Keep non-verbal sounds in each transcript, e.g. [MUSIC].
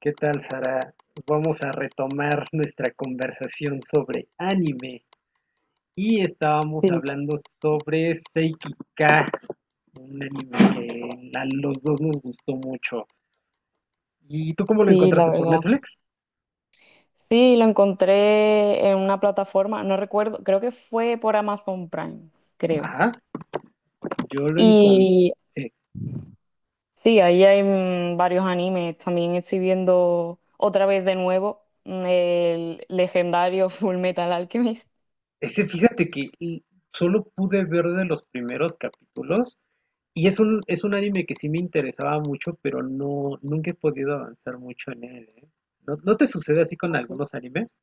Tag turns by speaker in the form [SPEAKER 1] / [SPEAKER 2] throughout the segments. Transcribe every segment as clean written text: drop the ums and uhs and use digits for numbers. [SPEAKER 1] ¿Qué tal, Sara? Vamos a retomar nuestra conversación sobre anime. Y estábamos
[SPEAKER 2] Sí,
[SPEAKER 1] hablando sobre Seiki K, un anime que a los dos nos gustó mucho. ¿Y tú cómo lo
[SPEAKER 2] sí, la
[SPEAKER 1] encontraste por
[SPEAKER 2] verdad.
[SPEAKER 1] Netflix?
[SPEAKER 2] Sí, lo encontré en una plataforma, no recuerdo, creo que fue por Amazon Prime, creo.
[SPEAKER 1] Ajá, yo lo encontré.
[SPEAKER 2] Y sí, ahí hay varios animes. También estoy viendo otra vez de nuevo el legendario [LAUGHS] Full Metal Alchemist.
[SPEAKER 1] Ese fíjate que y solo pude ver de los primeros capítulos y es un anime que sí me interesaba mucho, pero no, nunca he podido avanzar mucho en él, ¿eh? ¿No, no te sucede así con
[SPEAKER 2] Ok.
[SPEAKER 1] algunos animes?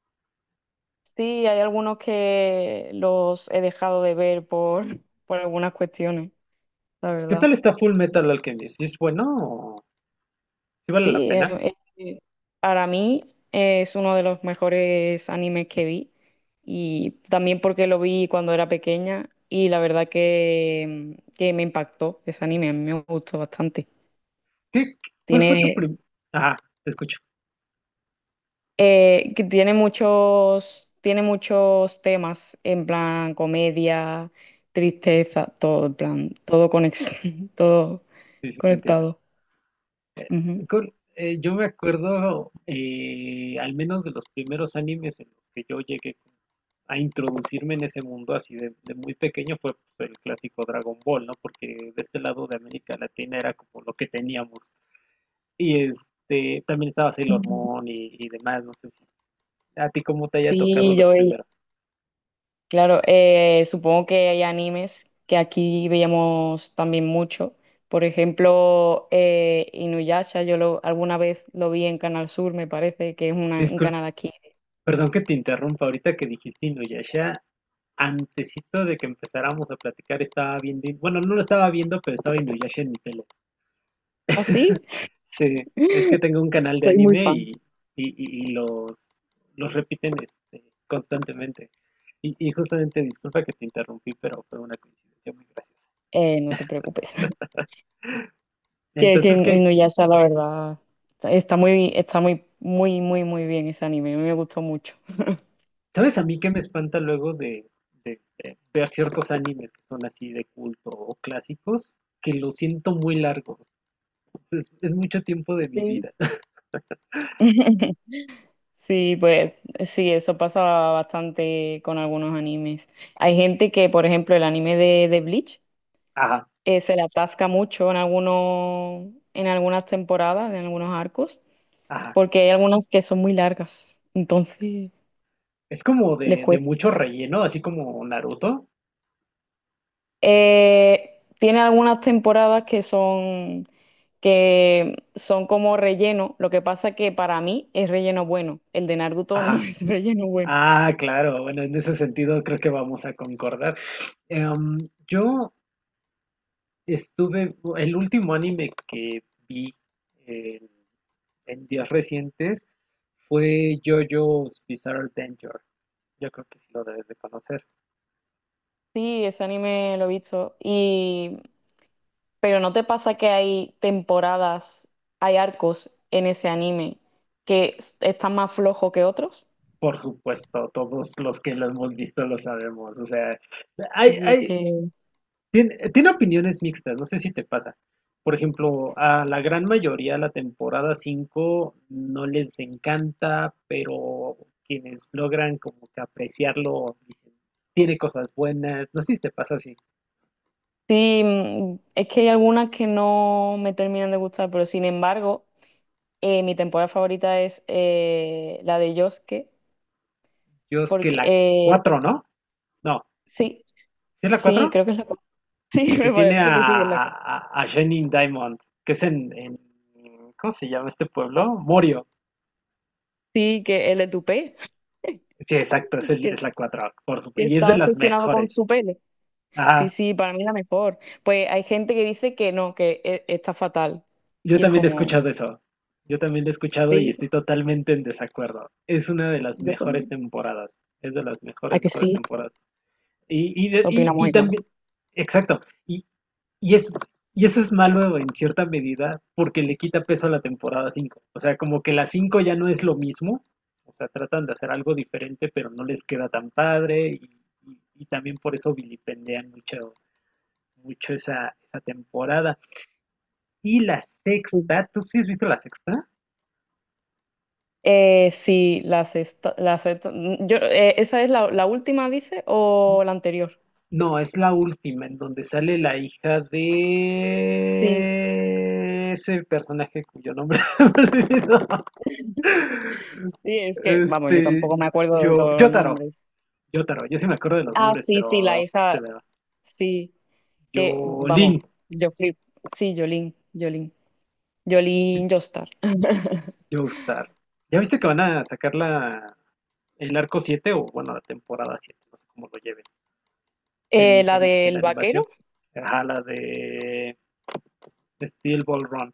[SPEAKER 2] Sí, hay algunos que los he dejado de ver por, [LAUGHS] por algunas cuestiones, la
[SPEAKER 1] ¿Qué
[SPEAKER 2] verdad.
[SPEAKER 1] tal está Full Metal Alchemist? ¿Es bueno? ¿Sí vale
[SPEAKER 2] Sí,
[SPEAKER 1] la pena?
[SPEAKER 2] para mí es uno de los mejores animes que vi y también porque lo vi cuando era pequeña y la verdad que me impactó ese anime, a mí me gustó bastante.
[SPEAKER 1] ¿Qué, cuál fue tu
[SPEAKER 2] Tiene,
[SPEAKER 1] primer...? Ah, te escucho.
[SPEAKER 2] que tiene muchos temas en plan comedia, tristeza, todo en plan, todo conex- [LAUGHS] todo
[SPEAKER 1] Sí, sí, te entiendo.
[SPEAKER 2] conectado. Ujú.
[SPEAKER 1] Yo me acuerdo, al menos de los primeros animes en los que yo llegué a introducirme en ese mundo así de muy pequeño fue pues, el clásico Dragon Ball, ¿no? Porque de este lado de América Latina era como lo que teníamos. Y este, también estaba Sailor Moon y demás, no sé si a ti cómo te haya tocado
[SPEAKER 2] Sí,
[SPEAKER 1] los
[SPEAKER 2] yo
[SPEAKER 1] primeros.
[SPEAKER 2] claro, supongo que hay animes que aquí veíamos también mucho. Por ejemplo, Inuyasha, yo lo, alguna vez lo vi en Canal Sur, me parece que es un canal aquí.
[SPEAKER 1] Perdón que te interrumpa, ahorita que dijiste Inuyasha, antesito de que empezáramos a platicar estaba viendo, bueno, no lo estaba viendo, pero estaba Inuyasha en mi tele.
[SPEAKER 2] ¿Así?
[SPEAKER 1] Sí, es que
[SPEAKER 2] [LAUGHS]
[SPEAKER 1] tengo un canal de
[SPEAKER 2] Soy muy
[SPEAKER 1] anime
[SPEAKER 2] fan.
[SPEAKER 1] y los repiten constantemente. Y justamente, disculpa que te interrumpí, pero fue una coincidencia muy graciosa.
[SPEAKER 2] No te preocupes. [LAUGHS] Que
[SPEAKER 1] Entonces, ¿qué?
[SPEAKER 2] Inuyasha, la verdad, está muy, muy, muy, muy bien ese anime. A mí me gustó mucho.
[SPEAKER 1] ¿Sabes a mí qué me espanta luego de ver ciertos animes que son así de culto o clásicos? Que los siento muy largos. Es mucho tiempo de mi
[SPEAKER 2] Sí.
[SPEAKER 1] vida.
[SPEAKER 2] [LAUGHS] Sí, pues sí, eso pasa bastante con algunos animes. Hay gente que, por ejemplo, el anime de Bleach
[SPEAKER 1] Ajá,
[SPEAKER 2] se le atasca mucho en algunas temporadas, en algunos arcos,
[SPEAKER 1] ajá.
[SPEAKER 2] porque hay algunas que son muy largas, entonces
[SPEAKER 1] Es como
[SPEAKER 2] les
[SPEAKER 1] de
[SPEAKER 2] cuesta.
[SPEAKER 1] mucho relleno, así como Naruto.
[SPEAKER 2] Tiene algunas temporadas que son como relleno. Lo que pasa que para mí es relleno bueno. El de Naruto no [LAUGHS]
[SPEAKER 1] Ajá.
[SPEAKER 2] es relleno bueno.
[SPEAKER 1] Ah, claro. Bueno, en ese sentido creo que vamos a concordar. Em, yo estuve, el último anime que vi en, en días recientes fue JoJo's Bizarre Adventure. Yo creo que sí lo debes de conocer.
[SPEAKER 2] Sí, ese anime lo he visto. Pero ¿no te pasa que hay temporadas, hay arcos en ese anime que están más flojos que otros?
[SPEAKER 1] Por supuesto, todos los que lo hemos visto lo sabemos. O sea, hay,
[SPEAKER 2] Sí, es
[SPEAKER 1] hay,
[SPEAKER 2] que
[SPEAKER 1] tiene opiniones mixtas, no sé si te pasa. Por ejemplo, a la gran mayoría la temporada 5 no les encanta, pero quienes logran como que apreciarlo dicen, tiene cosas buenas. No sé si te pasa así.
[SPEAKER 2] sí, mm, es que hay algunas que no me terminan de gustar, pero sin embargo, mi temporada favorita es la de Yosuke,
[SPEAKER 1] Yo es que
[SPEAKER 2] porque
[SPEAKER 1] la cuatro. No, no,
[SPEAKER 2] sí,
[SPEAKER 1] ¿sí es la
[SPEAKER 2] sí,
[SPEAKER 1] cuatro?
[SPEAKER 2] creo que es. [LAUGHS] Sí,
[SPEAKER 1] El que
[SPEAKER 2] me
[SPEAKER 1] tiene a,
[SPEAKER 2] parece que sí, que es.
[SPEAKER 1] a, a Jenning Diamond, que es en ¿cómo se llama este pueblo? Morio.
[SPEAKER 2] Sí, que el de
[SPEAKER 1] Sí, exacto,
[SPEAKER 2] [LAUGHS]
[SPEAKER 1] es, el-
[SPEAKER 2] que
[SPEAKER 1] es la 4 por supuesto.
[SPEAKER 2] que
[SPEAKER 1] Y es de
[SPEAKER 2] está
[SPEAKER 1] las
[SPEAKER 2] obsesionado con
[SPEAKER 1] mejores.
[SPEAKER 2] su pelo. Sí, sí, para mí la mejor. Pues hay gente que dice que no, que está fatal.
[SPEAKER 1] Yo
[SPEAKER 2] Y es
[SPEAKER 1] también he
[SPEAKER 2] como,
[SPEAKER 1] escuchado eso. Yo también lo he escuchado y
[SPEAKER 2] sí,
[SPEAKER 1] estoy totalmente en desacuerdo. Es una de las
[SPEAKER 2] yo
[SPEAKER 1] mejores
[SPEAKER 2] también.
[SPEAKER 1] temporadas. Es de las
[SPEAKER 2] ¿A
[SPEAKER 1] mejores,
[SPEAKER 2] que
[SPEAKER 1] mejores
[SPEAKER 2] sí?
[SPEAKER 1] temporadas. Y, y, de- y,
[SPEAKER 2] Opinamos
[SPEAKER 1] y
[SPEAKER 2] igual.
[SPEAKER 1] también, exacto. Y, y, es, y eso es malo en cierta medida porque le quita peso a la temporada 5. O sea, como que la 5 ya no es lo mismo. O sea, tratan de hacer algo diferente, pero no les queda tan padre. Y también por eso vilipendean mucho, mucho esa temporada. Y la
[SPEAKER 2] Sí.
[SPEAKER 1] sexta, ¿tú sí has visto la sexta?
[SPEAKER 2] Sí, la sexta, ¿esa es la última, dice, o la anterior?
[SPEAKER 1] No, es la última, en donde sale la hija
[SPEAKER 2] Sí.
[SPEAKER 1] de ese personaje cuyo nombre [LAUGHS] se me olvidó.
[SPEAKER 2] [LAUGHS] Sí, es que, vamos, yo
[SPEAKER 1] Este,
[SPEAKER 2] tampoco me acuerdo de
[SPEAKER 1] yo,
[SPEAKER 2] todos los
[SPEAKER 1] Yotaro,
[SPEAKER 2] nombres.
[SPEAKER 1] Yo sí me acuerdo de los
[SPEAKER 2] Ah,
[SPEAKER 1] nombres,
[SPEAKER 2] sí, sí, la
[SPEAKER 1] pero
[SPEAKER 2] hija,
[SPEAKER 1] se me va.
[SPEAKER 2] sí, que,
[SPEAKER 1] Yolin,
[SPEAKER 2] vamos, yo flip. Sí, Jolín, Jolín, Jolín Jostar. [LAUGHS]
[SPEAKER 1] Joestar. ¿Ya viste que van a sacar la, el arco 7 o, bueno, la temporada siete? No sé cómo lo lleven en,
[SPEAKER 2] La
[SPEAKER 1] en, en
[SPEAKER 2] del
[SPEAKER 1] animación.
[SPEAKER 2] vaquero.
[SPEAKER 1] Ajá, la de Steel Ball Run.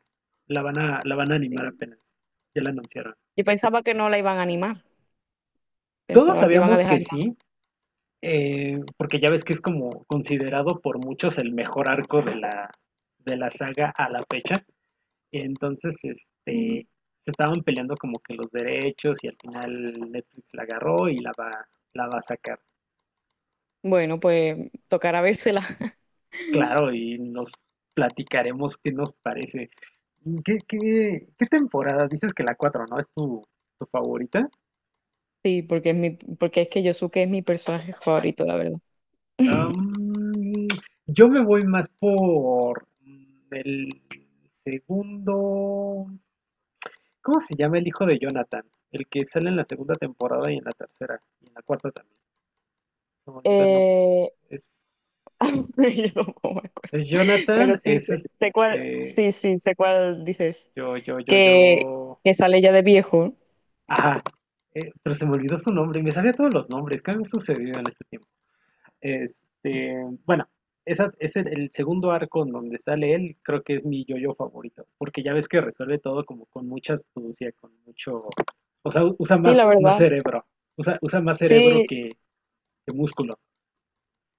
[SPEAKER 1] La van a animar
[SPEAKER 2] Sí.
[SPEAKER 1] apenas. Ya la anunciaron.
[SPEAKER 2] Yo pensaba que no la iban a animar,
[SPEAKER 1] Todos
[SPEAKER 2] pensaba que iban a
[SPEAKER 1] sabíamos que
[SPEAKER 2] dejar más.
[SPEAKER 1] sí, porque ya ves que es como considerado por muchos el mejor arco de la saga a la fecha. Entonces,
[SPEAKER 2] Mm.
[SPEAKER 1] se estaban peleando como que los derechos y al final Netflix la agarró y la va a sacar.
[SPEAKER 2] Bueno, pues tocará vérsela. [LAUGHS]
[SPEAKER 1] Claro, y nos platicaremos qué nos parece. ¿Qué, qué, qué temporada? Dices que la cuatro, ¿no? ¿Es tu, tu favorita?
[SPEAKER 2] Sí, porque es que Yosuke es mi personaje favorito, la verdad.
[SPEAKER 1] Am,
[SPEAKER 2] [LAUGHS]
[SPEAKER 1] yo me voy más por el segundo. ¿Cómo se llama el hijo de Jonathan? El que sale en la segunda temporada y en la tercera y en la cuarta también. Se me olvidó el nombre.
[SPEAKER 2] Eh,
[SPEAKER 1] Es,
[SPEAKER 2] [LAUGHS] yo tampoco me acuerdo.
[SPEAKER 1] es
[SPEAKER 2] Pero
[SPEAKER 1] Jonathan,
[SPEAKER 2] sí, sé, sé cuál,
[SPEAKER 1] eh,
[SPEAKER 2] sí, sí, sé cuál dices.
[SPEAKER 1] yo, yo, yo,
[SPEAKER 2] Que,
[SPEAKER 1] yo.
[SPEAKER 2] que sale ya de viejo.
[SPEAKER 1] Ajá. Pero se me olvidó su nombre. Me sabía todos los nombres. ¿Qué me ha sucedido en este tiempo? Este, bueno, el segundo arco en donde sale él, creo que es mi yo-yo favorito, porque ya ves que resuelve todo como con mucha astucia, con mucho, o sea, usa
[SPEAKER 2] Sí, la
[SPEAKER 1] más
[SPEAKER 2] verdad.
[SPEAKER 1] cerebro, usa más cerebro
[SPEAKER 2] Sí.
[SPEAKER 1] que músculo.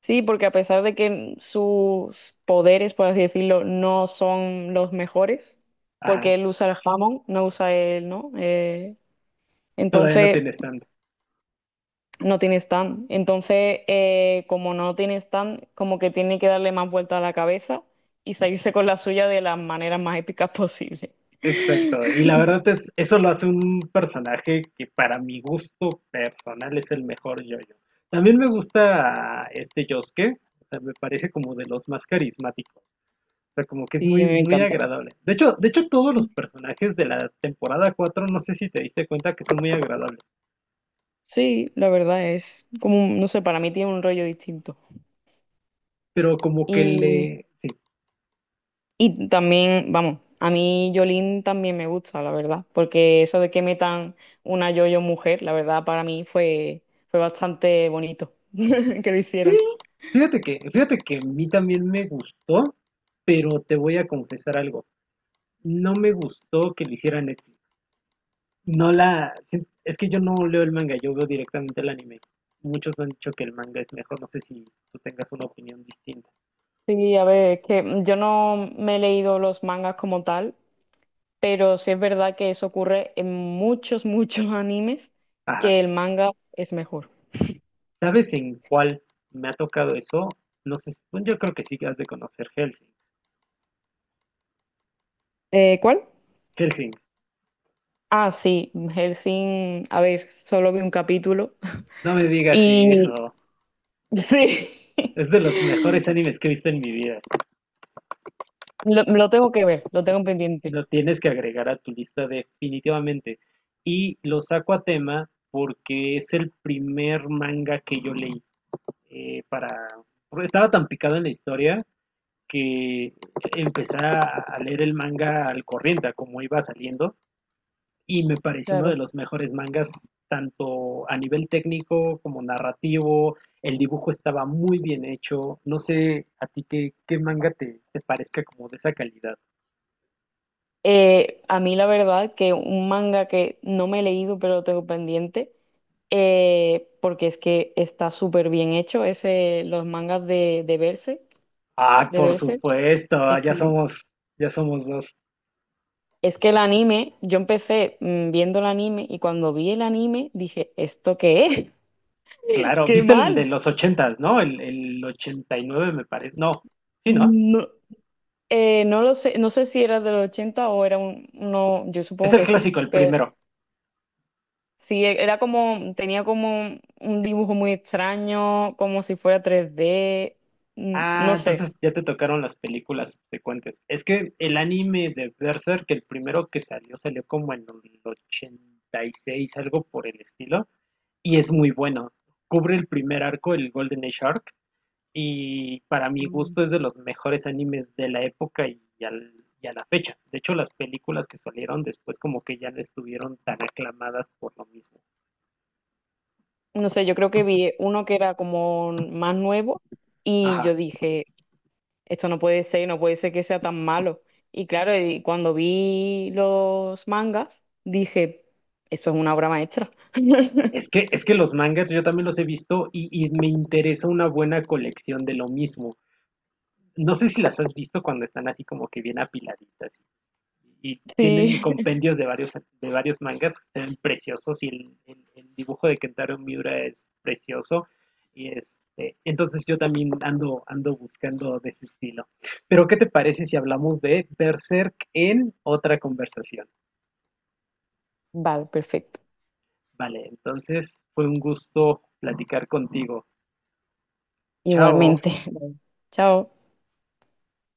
[SPEAKER 2] Sí, porque a pesar de que sus poderes, por así decirlo, no son los mejores,
[SPEAKER 1] Ajá,
[SPEAKER 2] porque él usa el jamón, no usa él, ¿no?
[SPEAKER 1] todavía no
[SPEAKER 2] Entonces
[SPEAKER 1] tienes tanto.
[SPEAKER 2] no tiene stand. Entonces, como no tiene stand, como que tiene que darle más vuelta a la cabeza y salirse con la suya de las maneras más épicas posible.
[SPEAKER 1] Exacto, y la
[SPEAKER 2] [LAUGHS]
[SPEAKER 1] verdad es, eso lo hace un personaje que para mi gusto personal es el mejor yo-yo. También me gusta este Yosuke, o sea, me parece como de los más carismáticos. O sea, como que es
[SPEAKER 2] Sí, a
[SPEAKER 1] muy,
[SPEAKER 2] mí me
[SPEAKER 1] muy
[SPEAKER 2] encanta.
[SPEAKER 1] agradable. De hecho, todos los personajes de la temporada 4 no sé si te diste cuenta que son muy agradables.
[SPEAKER 2] Sí, la verdad es como, no sé, para mí tiene un rollo distinto.
[SPEAKER 1] Pero como que le. Sí.
[SPEAKER 2] Y también, vamos, a mí Yolín también me gusta, la verdad, porque eso de que metan una yo-yo mujer, la verdad para mí fue bastante bonito [LAUGHS] que lo
[SPEAKER 1] Sí.
[SPEAKER 2] hicieran.
[SPEAKER 1] Fíjate que a mí también me gustó, pero te voy a confesar algo. No me gustó que lo hiciera Netflix. No la. Sí, es que yo no leo el manga, yo veo directamente el anime. Muchos me han dicho que el manga es mejor, no sé si tú tengas una opinión distinta.
[SPEAKER 2] Sí, a ver, es que yo no me he leído los mangas como tal, pero sí es verdad que eso ocurre en muchos, [LAUGHS] muchos animes,
[SPEAKER 1] Ajá.
[SPEAKER 2] que el manga es mejor.
[SPEAKER 1] ¿Sabes en cuál me ha tocado eso? No sé, bueno, yo creo que sí que has de conocer Hellsing.
[SPEAKER 2] ¿Cuál?
[SPEAKER 1] Hellsing,
[SPEAKER 2] Ah, sí, Hellsing, a ver, solo vi un capítulo
[SPEAKER 1] no me
[SPEAKER 2] [LAUGHS]
[SPEAKER 1] digas
[SPEAKER 2] y
[SPEAKER 1] eso.
[SPEAKER 2] sí.
[SPEAKER 1] Es de los mejores
[SPEAKER 2] [LAUGHS]
[SPEAKER 1] animes que he visto en mi vida.
[SPEAKER 2] Lo tengo que ver, lo tengo pendiente,
[SPEAKER 1] Lo tienes que agregar a tu lista definitivamente. Y lo saco a tema porque es el primer manga que yo leí. eh, para... porque estaba tan picado en la historia que empecé a leer el manga al corriente, a como iba saliendo. Y me parece uno de
[SPEAKER 2] claro.
[SPEAKER 1] los mejores mangas, tanto a nivel técnico como narrativo. El dibujo estaba muy bien hecho. No sé a ti qué, qué manga te, te parezca como de esa calidad.
[SPEAKER 2] A mí la verdad que un manga que no me he leído, pero lo tengo pendiente, porque es que está súper bien hecho, es los mangas de Berserk,
[SPEAKER 1] Ah,
[SPEAKER 2] de
[SPEAKER 1] por
[SPEAKER 2] Berserk.
[SPEAKER 1] supuesto,
[SPEAKER 2] Es
[SPEAKER 1] ya
[SPEAKER 2] que,
[SPEAKER 1] somos, ya somos dos.
[SPEAKER 2] es que el anime, yo empecé viendo el anime y cuando vi el anime dije, ¿esto qué es? [LAUGHS]
[SPEAKER 1] Claro,
[SPEAKER 2] ¡Qué
[SPEAKER 1] viste el de
[SPEAKER 2] mal!
[SPEAKER 1] los ochentas, ¿no? El 89 me parece. No, sí, ¿no?
[SPEAKER 2] No, no lo sé, no sé si era de los 80 o no, yo
[SPEAKER 1] Es
[SPEAKER 2] supongo
[SPEAKER 1] el
[SPEAKER 2] que sí,
[SPEAKER 1] clásico, el
[SPEAKER 2] pero.
[SPEAKER 1] primero.
[SPEAKER 2] Sí, era como, tenía como un dibujo muy extraño, como si fuera 3D,
[SPEAKER 1] Ah,
[SPEAKER 2] no
[SPEAKER 1] entonces
[SPEAKER 2] sé.
[SPEAKER 1] ya te tocaron las películas subsecuentes. Es que el anime de Berserk, el primero que salió, salió como en el 86, algo por el estilo, y es muy bueno. Cubre el primer arco, el Golden Age Arc, y para mi
[SPEAKER 2] Mm.
[SPEAKER 1] gusto es de los mejores animes de la época y, y a la fecha. De hecho, las películas que salieron después como que ya no estuvieron tan aclamadas por lo mismo.
[SPEAKER 2] No sé, yo creo que vi uno que era como más nuevo y
[SPEAKER 1] Ajá.
[SPEAKER 2] yo dije, esto no puede ser, no puede ser que sea tan malo. Y claro, y cuando vi los mangas, dije, eso es una obra maestra. [LAUGHS]
[SPEAKER 1] Es que los mangas yo también los he visto y me interesa una buena colección de lo mismo. No sé si las has visto cuando están así como que bien apiladitas y tienen
[SPEAKER 2] Sí,
[SPEAKER 1] compendios de varios mangas que se ven preciosos y el dibujo de Kentaro Miura es precioso. Y entonces yo también ando buscando de ese estilo. Pero ¿qué te parece si hablamos de Berserk en otra conversación?
[SPEAKER 2] vale, perfecto.
[SPEAKER 1] Vale, entonces fue un gusto platicar contigo. Chao.
[SPEAKER 2] Igualmente. Bueno, chao.